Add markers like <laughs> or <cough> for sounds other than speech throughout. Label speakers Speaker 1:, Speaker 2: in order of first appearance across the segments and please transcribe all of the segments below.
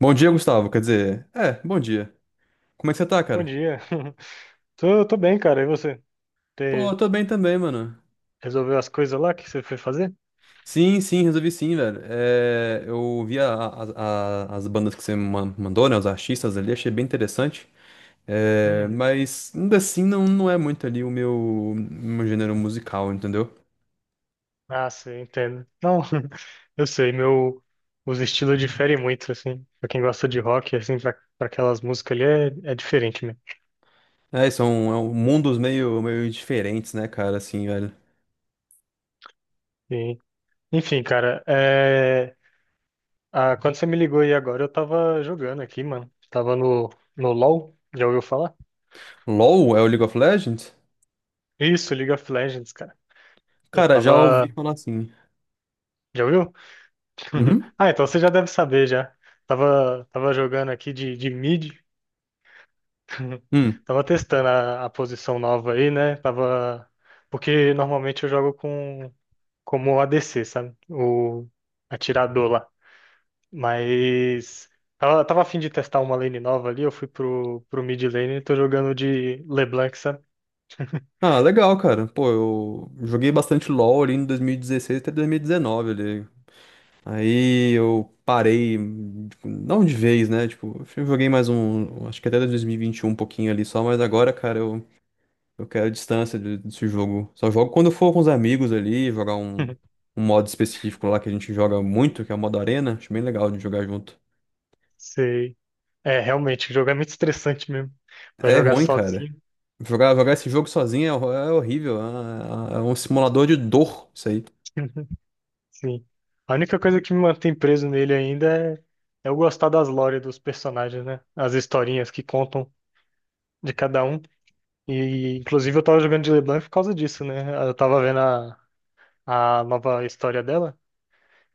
Speaker 1: Bom dia, Gustavo. Quer dizer, bom dia. Como é que você tá,
Speaker 2: Bom
Speaker 1: cara?
Speaker 2: dia. <laughs> Tô bem, cara. E você?
Speaker 1: Pô, eu
Speaker 2: Te
Speaker 1: tô bem também, mano.
Speaker 2: Resolveu as coisas lá que você foi fazer?
Speaker 1: Sim, sim, resolvi sim, velho. É, eu vi as bandas que você mandou, né? Os artistas ali, achei bem interessante. É,
Speaker 2: Uhum.
Speaker 1: mas ainda assim não é muito ali o meu gênero musical, entendeu?
Speaker 2: Ah, sim, entendo. Não, <laughs> eu sei, meu, os estilos diferem muito, assim. Pra quem gosta de rock, assim, pra aquelas músicas ali é diferente mesmo.
Speaker 1: São um mundos meio diferentes, né, cara, assim, velho.
Speaker 2: E, enfim, cara, é, ah, quando você me ligou aí agora, eu tava jogando aqui, mano. Tava no LoL, já ouviu falar?
Speaker 1: LOL é o League of Legends?
Speaker 2: Isso, League of Legends, cara. Eu
Speaker 1: Cara, já ouvi
Speaker 2: tava.
Speaker 1: falar assim.
Speaker 2: Já ouviu? <laughs>
Speaker 1: Uhum.
Speaker 2: Ah, então você já deve saber já. Tava jogando aqui de mid. <laughs>
Speaker 1: Hum.
Speaker 2: Tava testando a posição nova aí, né? Tava. Porque normalmente eu jogo com como ADC, sabe? O atirador lá. Mas tava a fim de testar uma lane nova ali, eu fui pro mid lane e tô jogando de LeBlanc, sabe?
Speaker 1: Ah, legal, cara. Pô, eu joguei bastante LoL ali em 2016 até 2019 ali. Aí eu parei, tipo, não de vez, né? Tipo, acho que eu joguei mais um, acho que até 2021 um pouquinho ali só, mas agora, cara, eu quero distância desse jogo. Só jogo quando eu for com os amigos ali, jogar
Speaker 2: <laughs>
Speaker 1: um modo específico lá que a gente joga muito, que é o modo arena. Acho bem legal de jogar junto.
Speaker 2: Sei. É, realmente, o jogo é muito estressante mesmo. Pra
Speaker 1: É
Speaker 2: jogar
Speaker 1: ruim, cara.
Speaker 2: sozinho.
Speaker 1: Jogar esse jogo sozinho é horrível. É um simulador de dor, isso aí.
Speaker 2: <laughs> Sim. A única coisa que me mantém preso nele ainda é eu gostar das lore dos personagens, né? As historinhas que contam de cada um. E, inclusive, eu tava jogando de LeBlanc por causa disso, né? Eu tava vendo a nova história dela.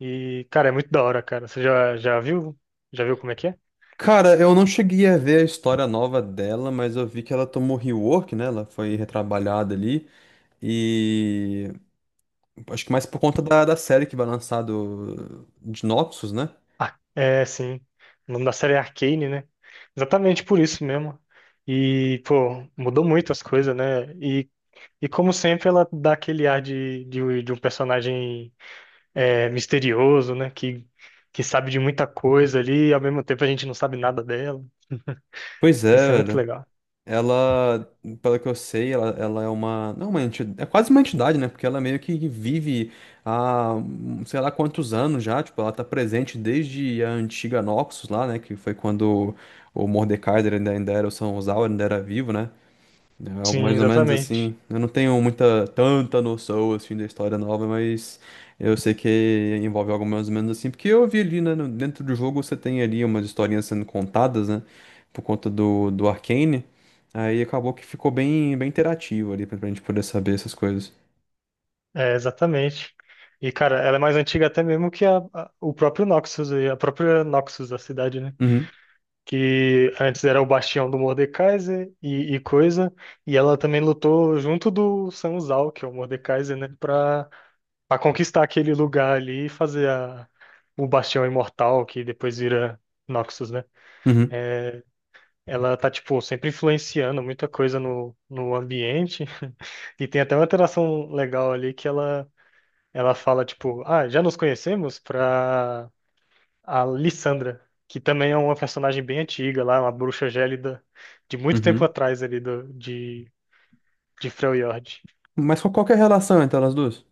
Speaker 2: E, cara, é muito da hora, cara. Você já, já viu? Já viu como é que é?
Speaker 1: Cara, eu não cheguei a ver a história nova dela, mas eu vi que ela tomou rework, né? Ela foi retrabalhada ali. E acho que mais por conta da série que vai lançar do de Noxus, né?
Speaker 2: Ah, é, sim. O nome da série é Arcane, né? Exatamente por isso mesmo. E, pô, mudou muito as coisas, né? E como sempre, ela dá aquele ar de um personagem é, misterioso, né? Que sabe de muita coisa ali, e ao mesmo tempo a gente não sabe nada dela.
Speaker 1: Pois é,
Speaker 2: Isso é muito
Speaker 1: velho.
Speaker 2: legal.
Speaker 1: Ela, pelo que eu sei, ela é uma. Não, uma entidade. É quase uma entidade, né? Porque ela meio que vive há sei lá quantos anos já. Tipo, ela tá presente desde a antiga Noxus lá, né? Que foi quando o Mordekaiser ainda era, o São Sal ainda era vivo, né? É algo
Speaker 2: Sim,
Speaker 1: mais ou menos
Speaker 2: exatamente.
Speaker 1: assim. Eu não tenho tanta noção assim da história nova, mas eu sei que envolve algo mais ou menos assim, porque eu vi ali, né, dentro do jogo você tem ali umas historinhas sendo contadas, né, por conta do Arcane. Aí acabou que ficou bem interativo ali pra gente poder saber essas coisas.
Speaker 2: É, exatamente. E, cara, ela é mais antiga até mesmo que a- o próprio Noxus, e a própria Noxus, da cidade, né?
Speaker 1: Uhum,
Speaker 2: Que antes era o bastião do Mordekaiser e coisa, e ela também lutou junto do Sanzal, que é o Mordekaiser, né? Pra conquistar aquele lugar ali e fazer o Bastião Imortal, que depois vira Noxus, né?
Speaker 1: uhum,
Speaker 2: É, ela tá, tipo, sempre influenciando muita coisa no ambiente. E tem até uma interação legal ali que ela fala, tipo, ah, já nos conhecemos pra a Lissandra, que também é uma personagem bem antiga lá, uma bruxa gélida de muito tempo
Speaker 1: uhum.
Speaker 2: atrás ali de Freljord.
Speaker 1: Mas qual que é a relação entre elas duas?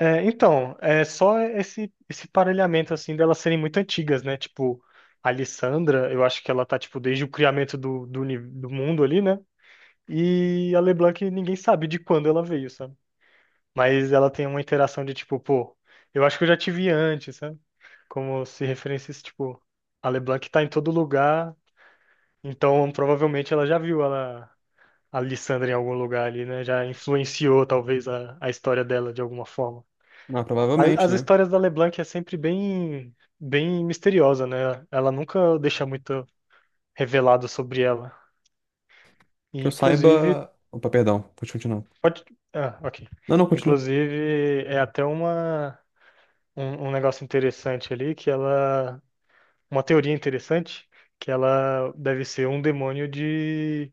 Speaker 2: É, então, é só esse parelhamento, assim, delas serem muito antigas, né? Tipo, a Lissandra, eu acho que ela tá, tipo, desde o criamento do mundo ali, né? E a LeBlanc, ninguém sabe de quando ela veio, sabe? Mas ela tem uma interação de, tipo, pô, eu acho que eu já te vi antes, sabe? Como se referências, tipo, a LeBlanc tá em todo lugar, então provavelmente ela já viu ela, a Lissandra em algum lugar ali, né? Já influenciou, talvez, a história dela de alguma forma.
Speaker 1: Ah, provavelmente,
Speaker 2: As
Speaker 1: né?
Speaker 2: histórias da LeBlanc é sempre bem misteriosa, né? Ela nunca deixa muito revelado sobre ela. E,
Speaker 1: Que eu
Speaker 2: inclusive,
Speaker 1: saiba. Opa, perdão, pode continuar.
Speaker 2: pode... Ah, ok.
Speaker 1: Não, não, continua.
Speaker 2: Inclusive, é até um negócio interessante ali, que ela... Uma teoria interessante, que ela deve ser um demônio de,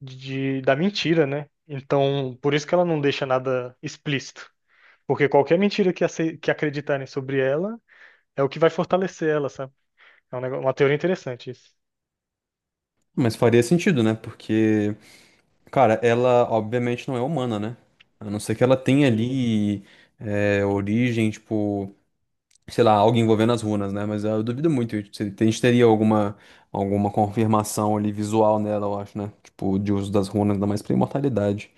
Speaker 2: de, da mentira, né? Então, por isso que ela não deixa nada explícito. Porque qualquer mentira que acreditarem sobre ela é o que vai fortalecer ela, sabe? É um negócio, uma teoria interessante isso.
Speaker 1: Mas faria sentido, né? Porque. Cara, ela obviamente não é humana, né? A não ser que ela tenha
Speaker 2: Sim,
Speaker 1: ali origem, tipo, sei lá, algo envolvendo as runas, né? Mas eu duvido muito. A gente teria alguma confirmação ali visual nela, eu acho, né? Tipo, de uso das runas, ainda mais pra imortalidade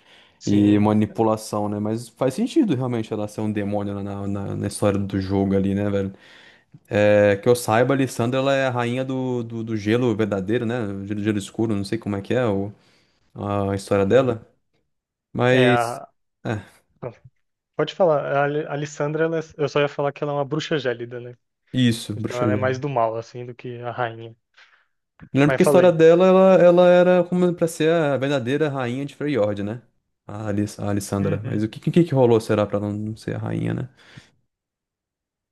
Speaker 1: e
Speaker 2: sim.
Speaker 1: manipulação, né? Mas faz sentido realmente ela ser um demônio na história do jogo ali, né, velho? É, que eu saiba, a Lissandra, ela é a rainha do gelo verdadeiro, né? Gelo escuro, não sei como é que é a história
Speaker 2: Sim.
Speaker 1: dela.
Speaker 2: É
Speaker 1: Mas.
Speaker 2: a,
Speaker 1: É,
Speaker 2: pode falar, a Alissandra, eu só ia falar que ela é uma bruxa gélida, né?
Speaker 1: isso,
Speaker 2: Então
Speaker 1: Bruxa
Speaker 2: ela é mais
Speaker 1: Gélida.
Speaker 2: do mal, assim, do que a rainha.
Speaker 1: Eu lembro
Speaker 2: Mas
Speaker 1: que a história
Speaker 2: falei.
Speaker 1: dela, ela era como pra ser a verdadeira rainha de Freyord, né? A Alissandra. Mas
Speaker 2: Uhum.
Speaker 1: o que rolou, será, pra ela não ser a rainha, né?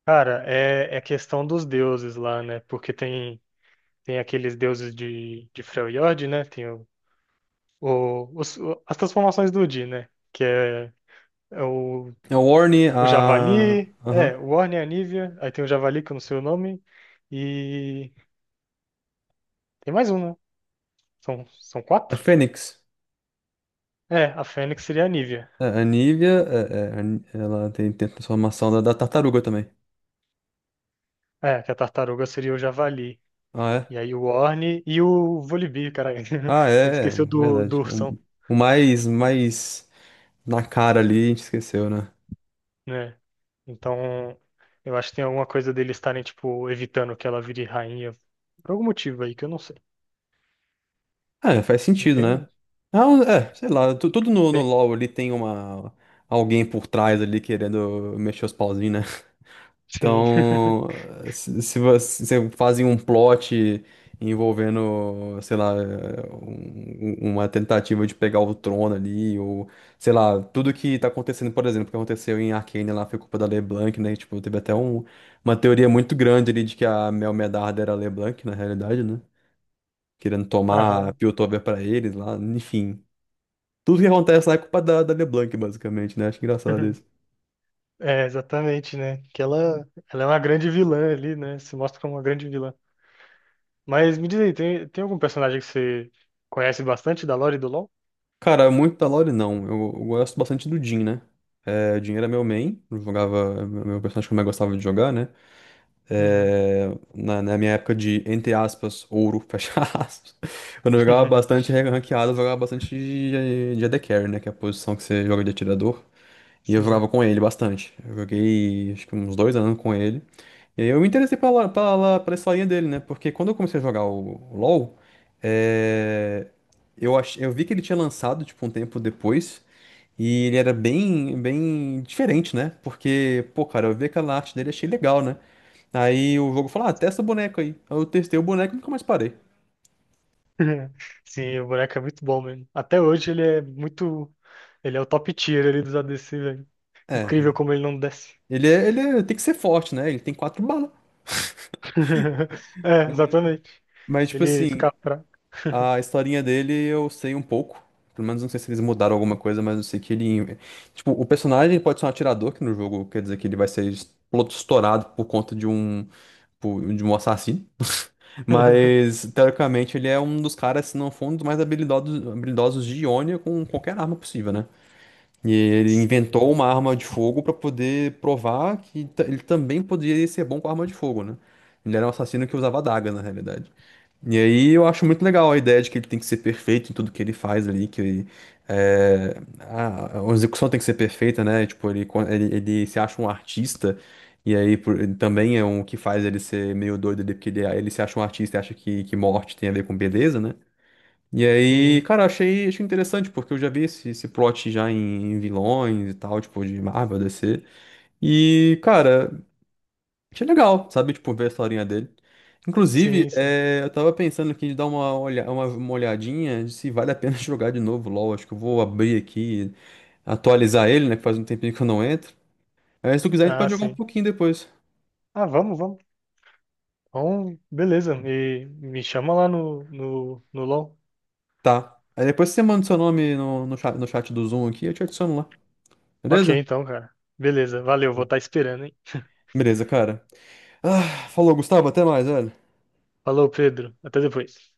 Speaker 2: Cara, é, é questão dos deuses lá, né? Porque tem aqueles deuses de Freljord, né? Tem as transformações do Udi, né? É
Speaker 1: A Orne,
Speaker 2: o
Speaker 1: a.
Speaker 2: Javali,
Speaker 1: Aham.
Speaker 2: é, o Orne e a Nívea, aí tem o Javali, que eu não sei o nome, e tem mais um, né? São
Speaker 1: A
Speaker 2: quatro?
Speaker 1: Fênix.
Speaker 2: É, a Fênix seria a Nívea.
Speaker 1: É, A Nívia, ela tem, tem a transformação da tartaruga também.
Speaker 2: É, que a tartaruga seria o javali.
Speaker 1: Ah,
Speaker 2: E
Speaker 1: é?
Speaker 2: aí o Orne e o Volibear, caralho.
Speaker 1: Ah,
Speaker 2: <laughs> A gente
Speaker 1: é, é
Speaker 2: esqueceu
Speaker 1: verdade.
Speaker 2: do ursão,
Speaker 1: O, mais na cara ali, a gente esqueceu, né?
Speaker 2: né? Então, eu acho que tem alguma coisa deles estarem, tipo, evitando que ela vire rainha. Por algum motivo aí que eu não sei.
Speaker 1: Ah, é, faz sentido, né?
Speaker 2: Entende?
Speaker 1: Ah, é, sei lá, tudo no
Speaker 2: Tem-
Speaker 1: LoL ali tem uma alguém por trás ali querendo mexer os pauzinhos, né? <laughs>
Speaker 2: Sim. <laughs>
Speaker 1: Então, se você se fazem um plot envolvendo, sei lá, uma tentativa de pegar o trono ali, ou sei lá, tudo que tá acontecendo, por exemplo, o que aconteceu em Arcane lá foi culpa da LeBlanc, né? Tipo, teve até uma teoria muito grande ali de que a Mel Medarda era a LeBlanc, na realidade, né? Querendo tomar
Speaker 2: Aham.
Speaker 1: Piltover pra eles lá, enfim. Tudo que acontece lá é culpa da LeBlanc, basicamente, né? Acho engraçado isso.
Speaker 2: <laughs> É, exatamente, né? Ela é uma grande vilã ali, né? Se mostra como uma grande vilã. Mas me diz aí, tem algum personagem que você conhece bastante da lore do LoL?
Speaker 1: Cara, muito da Lore não. Eu gosto bastante do Jhin, né? É, o Jhin era meu main, eu jogava, meu personagem que eu mais gostava de jogar, né?
Speaker 2: Uhum.
Speaker 1: É, na minha época de, entre aspas, ouro, <laughs> fecha aspas. Quando eu jogava bastante
Speaker 2: <laughs>
Speaker 1: ranqueado, eu jogava bastante de AD Carry, né? Que é a posição que você joga de atirador. E eu
Speaker 2: Sim.
Speaker 1: jogava com ele bastante. Eu joguei acho que uns dois anos com ele. E aí eu me interessei pela historinha dele, né? Porque quando eu comecei a jogar o LoL, é, eu vi que ele tinha lançado tipo, um tempo depois. E ele era bem diferente, né? Porque, pô, cara, eu vi aquela arte dele e achei legal, né? Aí o jogo falou, ah, testa o boneco aí. Aí eu testei o boneco e nunca mais parei.
Speaker 2: <laughs> Sim, o boneco é muito bom mesmo. Até hoje ele é muito. Ele é o top tier ali dos ADC, velho. Incrível
Speaker 1: É,
Speaker 2: como ele não desce.
Speaker 1: tem que ser forte, né? Ele tem quatro balas.
Speaker 2: <laughs> É, exatamente.
Speaker 1: Mas,
Speaker 2: Se
Speaker 1: tipo
Speaker 2: ele
Speaker 1: assim,
Speaker 2: ficar fraco.
Speaker 1: a historinha dele eu sei um pouco. Pelo menos não sei se eles mudaram alguma coisa, mas eu sei que ele. Tipo, o personagem pode ser um atirador, que no jogo quer dizer que ele vai ser estourado por conta de de um assassino.
Speaker 2: <laughs>
Speaker 1: Mas, teoricamente, ele é um dos caras, se não for um dos mais habilidosos de Ionia com qualquer arma possível, né? E ele
Speaker 2: Sim,
Speaker 1: inventou uma arma de fogo pra poder provar que ele também poderia ser bom com arma de fogo, né? Ele era um assassino que usava adagas, na realidade. E aí eu acho muito legal a ideia de que ele tem que ser perfeito em tudo que ele faz ali, que é, a execução tem que ser perfeita, né? Tipo, ele se acha um artista, e aí ele também é um que faz ele ser meio doido ali, porque ele se acha um artista e acha que morte tem a ver com beleza, né? E aí,
Speaker 2: sim,
Speaker 1: cara, achei interessante, porque eu já vi esse plot já em, em vilões e tal, tipo, de Marvel, DC. E, cara, achei legal, sabe? Tipo, ver a historinha dele. Inclusive,
Speaker 2: sim. Sim.
Speaker 1: é, eu tava pensando aqui de dar uma, olha, uma olhadinha de se vale a pena <laughs> jogar de novo LoL. Acho que eu vou abrir aqui, atualizar ele, né? Que faz um tempinho que eu não entro. Aí, se tu quiser, a gente
Speaker 2: Ah,
Speaker 1: pode jogar um
Speaker 2: sim.
Speaker 1: pouquinho depois.
Speaker 2: Ah, vamos, vamos. Bom, beleza. Me chama lá no LOL.
Speaker 1: Tá. Aí depois você manda seu nome no chat, no chat do Zoom aqui, eu te adiciono lá.
Speaker 2: Ok,
Speaker 1: Beleza?
Speaker 2: então, cara. Beleza, valeu, vou estar esperando, hein?
Speaker 1: Beleza, cara. Ah, falou, Gustavo. Até mais, velho.
Speaker 2: Falou, Pedro. Até depois.